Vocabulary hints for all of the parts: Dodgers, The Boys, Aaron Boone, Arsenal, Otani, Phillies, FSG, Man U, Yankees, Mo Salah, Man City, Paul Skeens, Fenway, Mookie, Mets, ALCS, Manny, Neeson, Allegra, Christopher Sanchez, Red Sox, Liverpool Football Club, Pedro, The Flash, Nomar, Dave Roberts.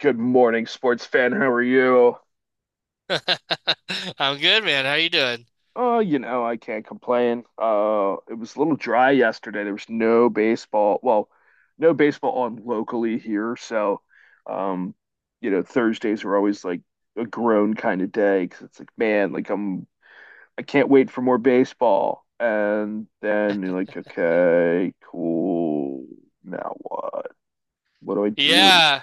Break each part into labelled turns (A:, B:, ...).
A: Good morning, sports fan. How are you?
B: I'm good, man. How you doing?
A: Oh, you know, I can't complain. It was a little dry yesterday. There was no baseball. Well, no baseball on locally here, so um, you know, Thursdays are always like a grown kind of day because it's like, man, I can't wait for more baseball. And then you're like, okay, cool. Now what? What do I do?
B: Yeah.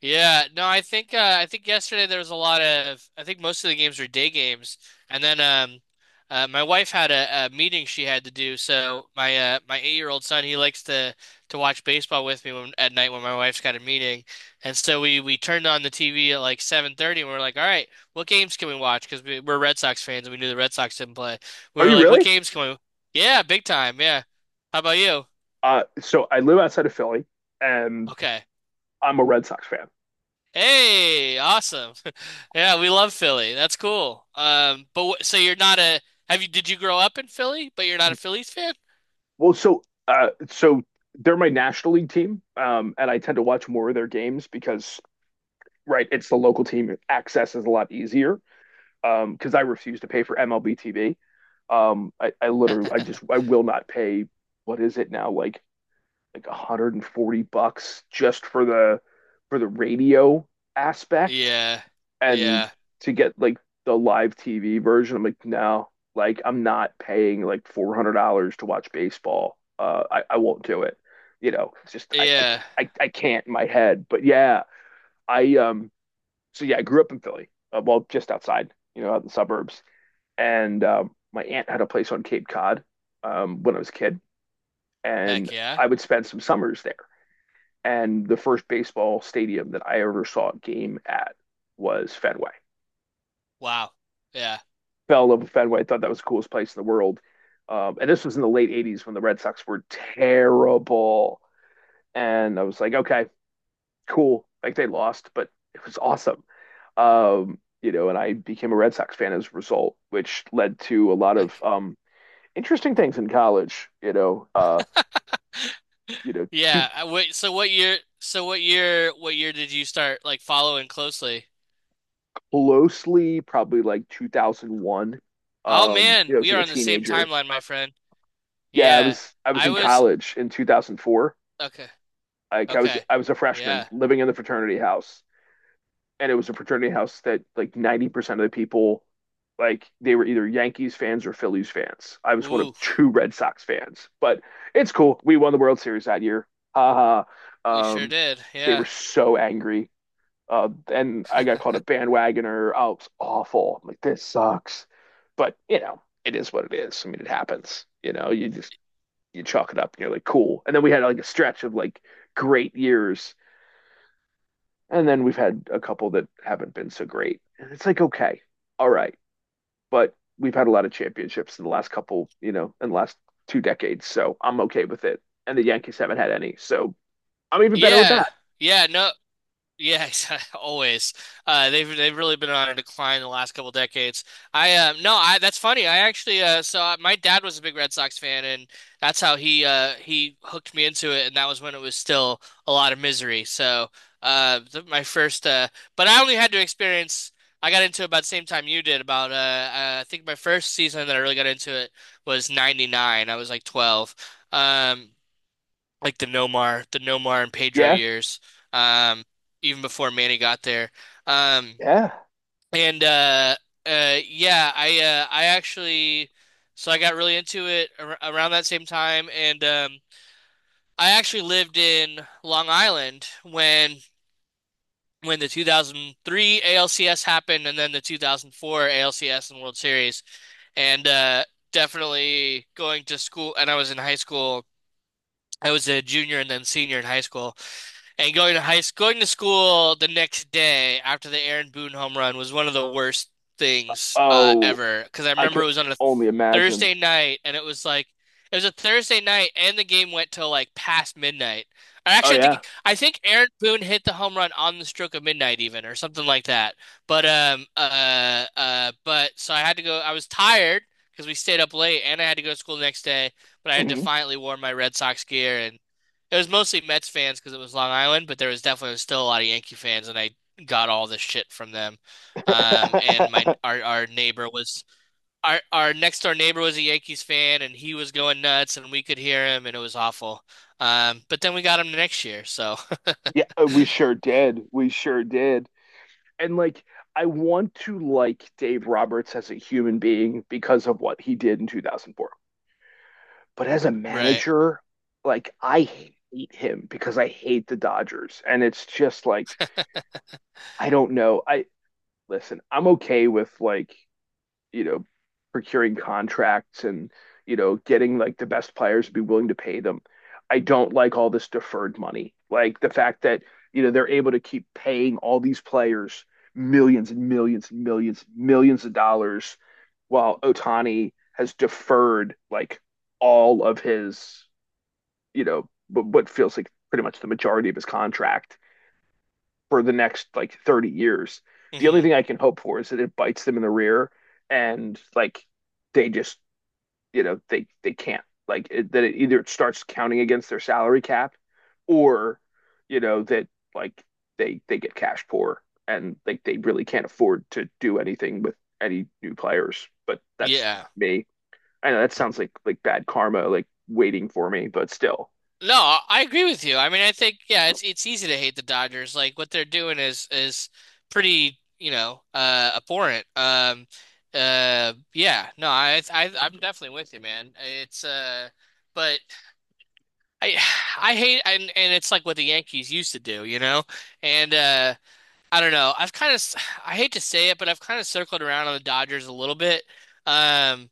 B: No, I think yesterday there was a lot of I think most of the games were day games. And then my wife had a meeting she had to do. So my eight-year-old son, he likes to watch baseball with me when, at night when my wife's got a meeting. And so we turned on the TV at like 7:30 and we are like, "All right, what games can we watch?" Because we're Red Sox fans and we knew the Red Sox didn't play. We
A: Are
B: were
A: you
B: like, "What
A: really?
B: games can we?" Yeah, big time. Yeah. How about you?
A: So I live outside of Philly, and
B: Okay.
A: I'm a Red Sox fan.
B: Hey, awesome. Yeah, we love Philly. That's cool. But you're not a have you did you grow up in Philly, but you're not a Phillies fan?
A: Well, so they're my National League team, and I tend to watch more of their games because, right, it's the local team. Access is a lot easier because I refuse to pay for MLB TV. I literally, I will not pay. What is it now? Like 140 bucks just for the radio aspect
B: Yeah.
A: and
B: Yeah.
A: to get like the live TV version, I'm like, no, like I'm not paying like $400 to watch baseball. I won't do it. You know, it's just I, I,
B: Yeah.
A: I I can't in my head. But yeah, I so yeah, I grew up in Philly. Well, just outside, you know, out in the suburbs. And my aunt had a place on Cape Cod when I was a kid, and
B: Heck yeah.
A: I would spend some summers there. And the first baseball stadium that I ever saw a game at was Fenway.
B: Wow. Yeah.
A: Fell in love with Fenway. I thought that was the coolest place in the world. And this was in the late '80s when the Red Sox were terrible, and I was like, okay, cool. Like they lost, but it was awesome. You know, and I became a Red Sox fan as a result, which led to a lot of
B: Heck.
A: interesting things in college. You know, too
B: Yeah. Wait, so what year did you start following closely?
A: closely, probably like 2001.
B: Oh
A: You know,
B: man,
A: I was
B: we
A: like
B: are
A: a
B: on the same
A: teenager.
B: timeline, my friend.
A: Yeah, I
B: Yeah.
A: was I was
B: I
A: in
B: was
A: college in 2004.
B: okay.
A: Like I was
B: Okay.
A: I was a freshman
B: Yeah.
A: living in the fraternity house, and it was a fraternity house that like 90% of the people, like they were either Yankees fans or Phillies fans. I was one of
B: Ooh,
A: two Red Sox fans, but it's cool. We won the World Series that year. Ha.
B: we sure
A: Um,
B: did.
A: they were
B: Yeah.
A: so angry. And I got called a bandwagoner. Oh, it's awful. I'm like, this sucks. But, you know, it is what it is. I mean, it happens. You know, you just you chalk it up and you're like, cool. And then we had like a stretch of like great years and then we've had a couple that haven't been so great. And it's like, okay, all right. But we've had a lot of championships in the last couple, you know, in the last two decades. So I'm okay with it. And the Yankees haven't had any. So I'm even better with that.
B: Yeah. Yeah, no, yeah, always. They've really been on a decline the last couple decades. I no, I That's funny. I actually so I, My dad was a big Red Sox fan, and that's how he hooked me into it, and that was when it was still a lot of misery. So th my first but I only had to experience. I got into it about the same time you did. About I think my first season that I really got into it was '99. I was like 12. Um like the Nomar and Pedro
A: Yeah.
B: years, um, even before Manny got there. Um,
A: Yeah.
B: and Yeah, I actually, so I got really into it ar around that same time, and I actually lived in Long Island when the 2003 ALCS happened, and then the 2004 ALCS and World Series, and definitely going to school, and I was in high school. I was a junior and then senior in high school. And going to school the next day after the Aaron Boone home run was one of the worst things
A: Oh,
B: ever. Because I
A: I can
B: remember it was on a
A: only imagine.
B: Thursday night, and it was a Thursday night, and the game went till like past midnight. I
A: Oh,
B: actually
A: yeah.
B: think I think Aaron Boone hit the home run on the stroke of midnight, even or something like that. But so I had to go. I was tired because we stayed up late, and I had to go to school the next day. But I had
A: Mhm.
B: defiantly wore my Red Sox gear, and it was mostly Mets fans because it was Long Island, but there was definitely still a lot of Yankee fans, and I got all this shit from them. And my our neighbor was our next door neighbor was a Yankees fan, and he was going nuts, and we could hear him, and it was awful. But then we got him next year, so
A: Yeah, we sure did. We sure did. And like, I want to like Dave Roberts as a human being because of what he did in 2004. But as a
B: right,
A: manager, like I hate him because I hate the Dodgers. And it's just like, I don't know. I listen, I'm okay with like, you know, procuring contracts and, you know, getting like the best players to be willing to pay them. I don't like all this deferred money. Like the fact that, you know, they're able to keep paying all these players millions and millions and millions, millions of dollars while Otani has deferred like all of his, you know, but what feels like pretty much the majority of his contract for the next like 30 years. The only
B: hmm
A: thing I can hope for is that it bites them in the rear and like they just, you know, they can't like it, that it either it starts counting against their salary cap or you know that like they get cash poor and like they really can't afford to do anything with any new players. But that's
B: yeah.
A: me. I know that sounds like bad karma, like waiting for me, but still.
B: No, I agree with you. I mean, I think yeah, it's easy to hate the Dodgers. Like what they're doing is pretty, you know, abhorrent. Yeah, no, I'm definitely with you, man. It's but I I hate, and it's like what the Yankees used to do, you know? And I don't know. I've kind of, I hate to say it, but I've kind of circled around on the Dodgers a little bit. Um,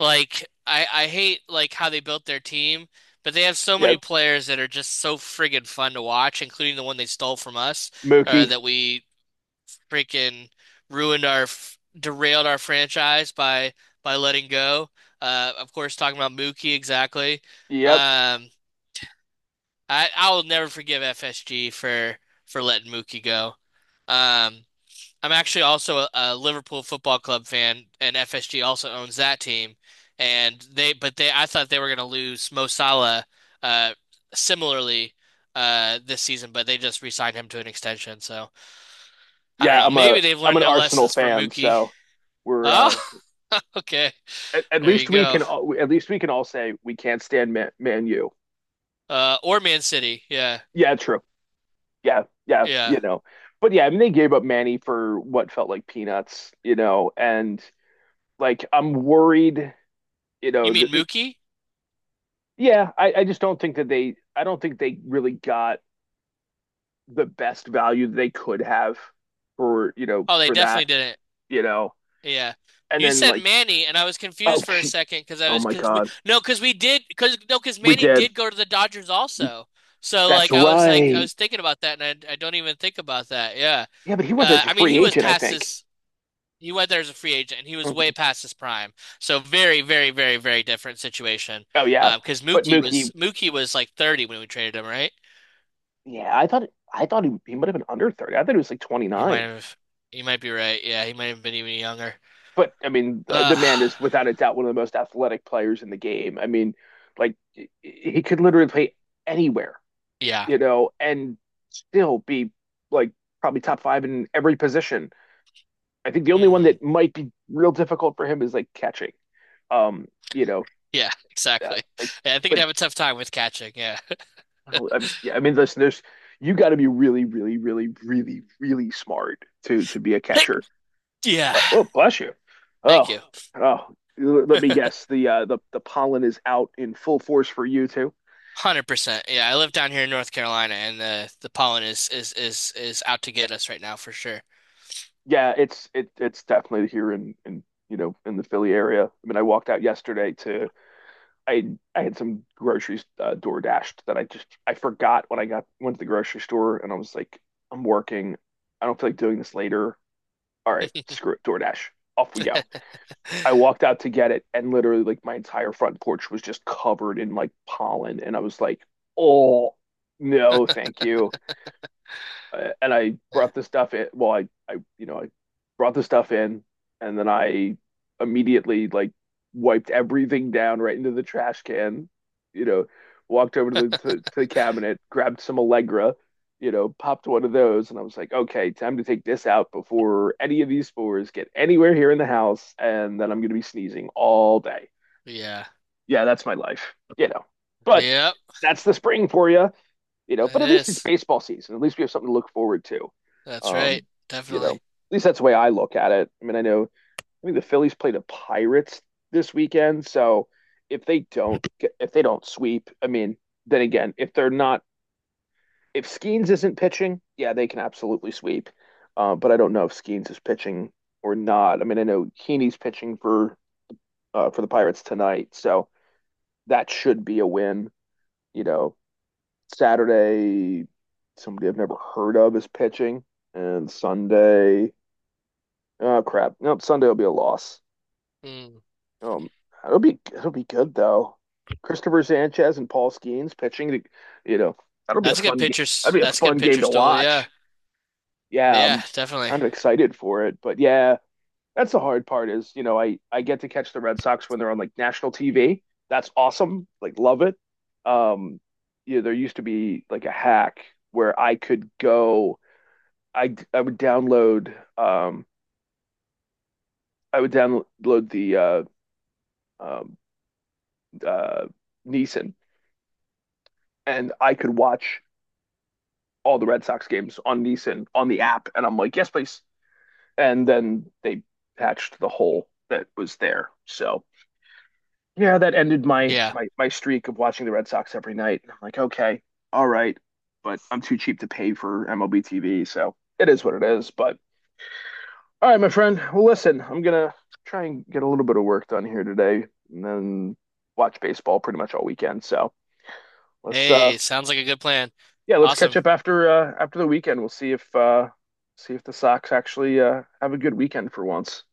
B: like I hate like how they built their team, but they have so
A: Yeah,
B: many players that are just so friggin' fun to watch, including the one they stole from us,
A: Mookie.
B: that we freaking derailed our franchise by letting go. Of course, talking about Mookie exactly.
A: Yep.
B: Um, I will never forgive FSG for letting Mookie go. Um, I'm actually also a Liverpool Football Club fan, and FSG also owns that team. And I thought they were going to lose Mo Salah, uh, similarly, this season, but they just re-signed him to an extension. So I don't
A: Yeah,
B: know.
A: I'm a
B: Maybe they've
A: I'm
B: learned
A: an
B: their
A: Arsenal
B: lessons from
A: fan,
B: Mookie.
A: so we're
B: Oh, okay.
A: at
B: There you
A: least we
B: go.
A: can all, at least we can all say we can't stand Man, Man U.
B: Or Man City. Yeah,
A: Yeah, true. Yeah, yeah,
B: yeah.
A: you know. But yeah, I mean they gave up Manny for what felt like peanuts, you know, and like I'm worried, you
B: You
A: know,
B: mean
A: that the
B: Mookie?
A: yeah, I just don't think that they I don't think they really got the best value that they could have for, you know,
B: Oh, they
A: for that,
B: definitely didn't.
A: you know.
B: Yeah.
A: And
B: You
A: then
B: said
A: like,
B: Manny, and I was
A: oh
B: confused for a
A: gee,
B: second because I
A: oh
B: was
A: my
B: because we
A: God.
B: no because we did because no because
A: We
B: Manny
A: did.
B: did go to the Dodgers
A: He
B: also. So
A: that's
B: I
A: right.
B: was thinking about that, and I don't even think about that. Yeah.
A: Yeah, but he went there as a
B: I mean
A: free
B: he was
A: agent, I
B: past
A: think.
B: his, he went there as a free agent, and he was way
A: Mhm.
B: past his prime. So very very very very different situation.
A: Oh yeah,
B: Because
A: but Mookie,
B: Mookie was like 30 when we traded him, right?
A: yeah, I thought he might have been under 30. I thought he was like twenty
B: He might
A: nine.
B: have You might be right. Yeah, he might have been even younger.
A: But I mean, the
B: Uh,
A: man is without a doubt one of the most athletic players in the game. I mean, like he could literally play anywhere,
B: yeah.
A: you know, and still be like probably top five in every position. I think the only one
B: Hmm.
A: that might be real difficult for him is like catching. Um, you know,
B: Yeah, exactly.
A: like
B: Yeah, I think I'd
A: but
B: have a tough time with catching. Yeah.
A: oh, I, yeah, I mean, listen, there's you got to be really, really, really, really, really smart to be a catcher.
B: Yeah.
A: Oh, bless you.
B: Thank
A: Oh,
B: you.
A: oh. L- Let me guess. The the pollen is out in full force for you too.
B: 100%. Yeah, I live down here in North Carolina, and the pollen is out to get us right now for sure.
A: Yeah, it's it it's definitely here in you know in the Philly area. I mean, I walked out yesterday to I I had some groceries door dashed that I just I forgot when I got went to the grocery store and I was like, I'm working. I don't feel like doing this later. All right, screw it, DoorDash. Off we go. I walked out to get it, and literally, like, my entire front porch was just covered in like pollen. And I was like, oh, no, thank you and I
B: Yeah.
A: brought the stuff in. Well, you know, I brought the stuff in, and then I immediately like wiped everything down right into the trash can. You know, walked over to the cabinet, grabbed some Allegra, you know, popped one of those, and I was like, okay, time to take this out before any of these spores get anywhere here in the house, and then I'm gonna be sneezing all day.
B: Yeah.
A: Yeah, that's my life, you know. But
B: Yep.
A: that's the spring for you, you know, but
B: It
A: at least it's
B: is.
A: baseball season. At least we have something to look forward to.
B: That's
A: Um,
B: right.
A: you know,
B: Definitely.
A: at least that's the way I look at it. I mean, I know I think the Phillies play the Pirates this weekend, so if they don't get, if they don't sweep, I mean, then again, if they're not if Skeens isn't pitching, yeah, they can absolutely sweep. But I don't know if Skeens is pitching or not. I mean, I know Heaney's pitching for the Pirates tonight, so that should be a win. You know, Saturday, somebody I've never heard of is pitching, and Sunday, oh crap, nope, Sunday will be a loss.
B: Mm.
A: Um, It'll be it'll be good though. Christopher Sanchez and Paul Skeens pitching. To, you know, that'll be a
B: That's a good
A: fun game.
B: pitcher.
A: That'll be a
B: That's a good
A: fun game
B: pitcher
A: to
B: stool. Yeah.
A: watch. Yeah,
B: Yeah,
A: I'm
B: definitely.
A: kind of excited for it, but yeah, that's the hard part is, you know, I get to catch the Red Sox when they're on like national TV. That's awesome. Like love it. Um, you know, there used to be like a hack where I could go I would download I would download the um uh Neeson and I could watch all the Red Sox games on Neeson on the app and I'm like, yes, please. And then they patched the hole that was there. So yeah, that ended my
B: Yeah.
A: my streak of watching the Red Sox every night. I'm like, okay, all right, but I'm too cheap to pay for MLB TV, so it is what it is. But all right, my friend. Well, listen, I'm gonna try and get a little bit of work done here today, and then watch baseball pretty much all weekend. So let's,
B: Hey, sounds like a good plan.
A: yeah, let's catch
B: Awesome.
A: up after after the weekend. We'll see if the Sox actually have a good weekend for once.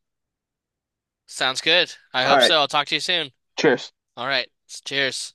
B: Sounds good. I
A: All
B: hope
A: right.
B: so. I'll talk to you soon.
A: Cheers.
B: All right. Cheers.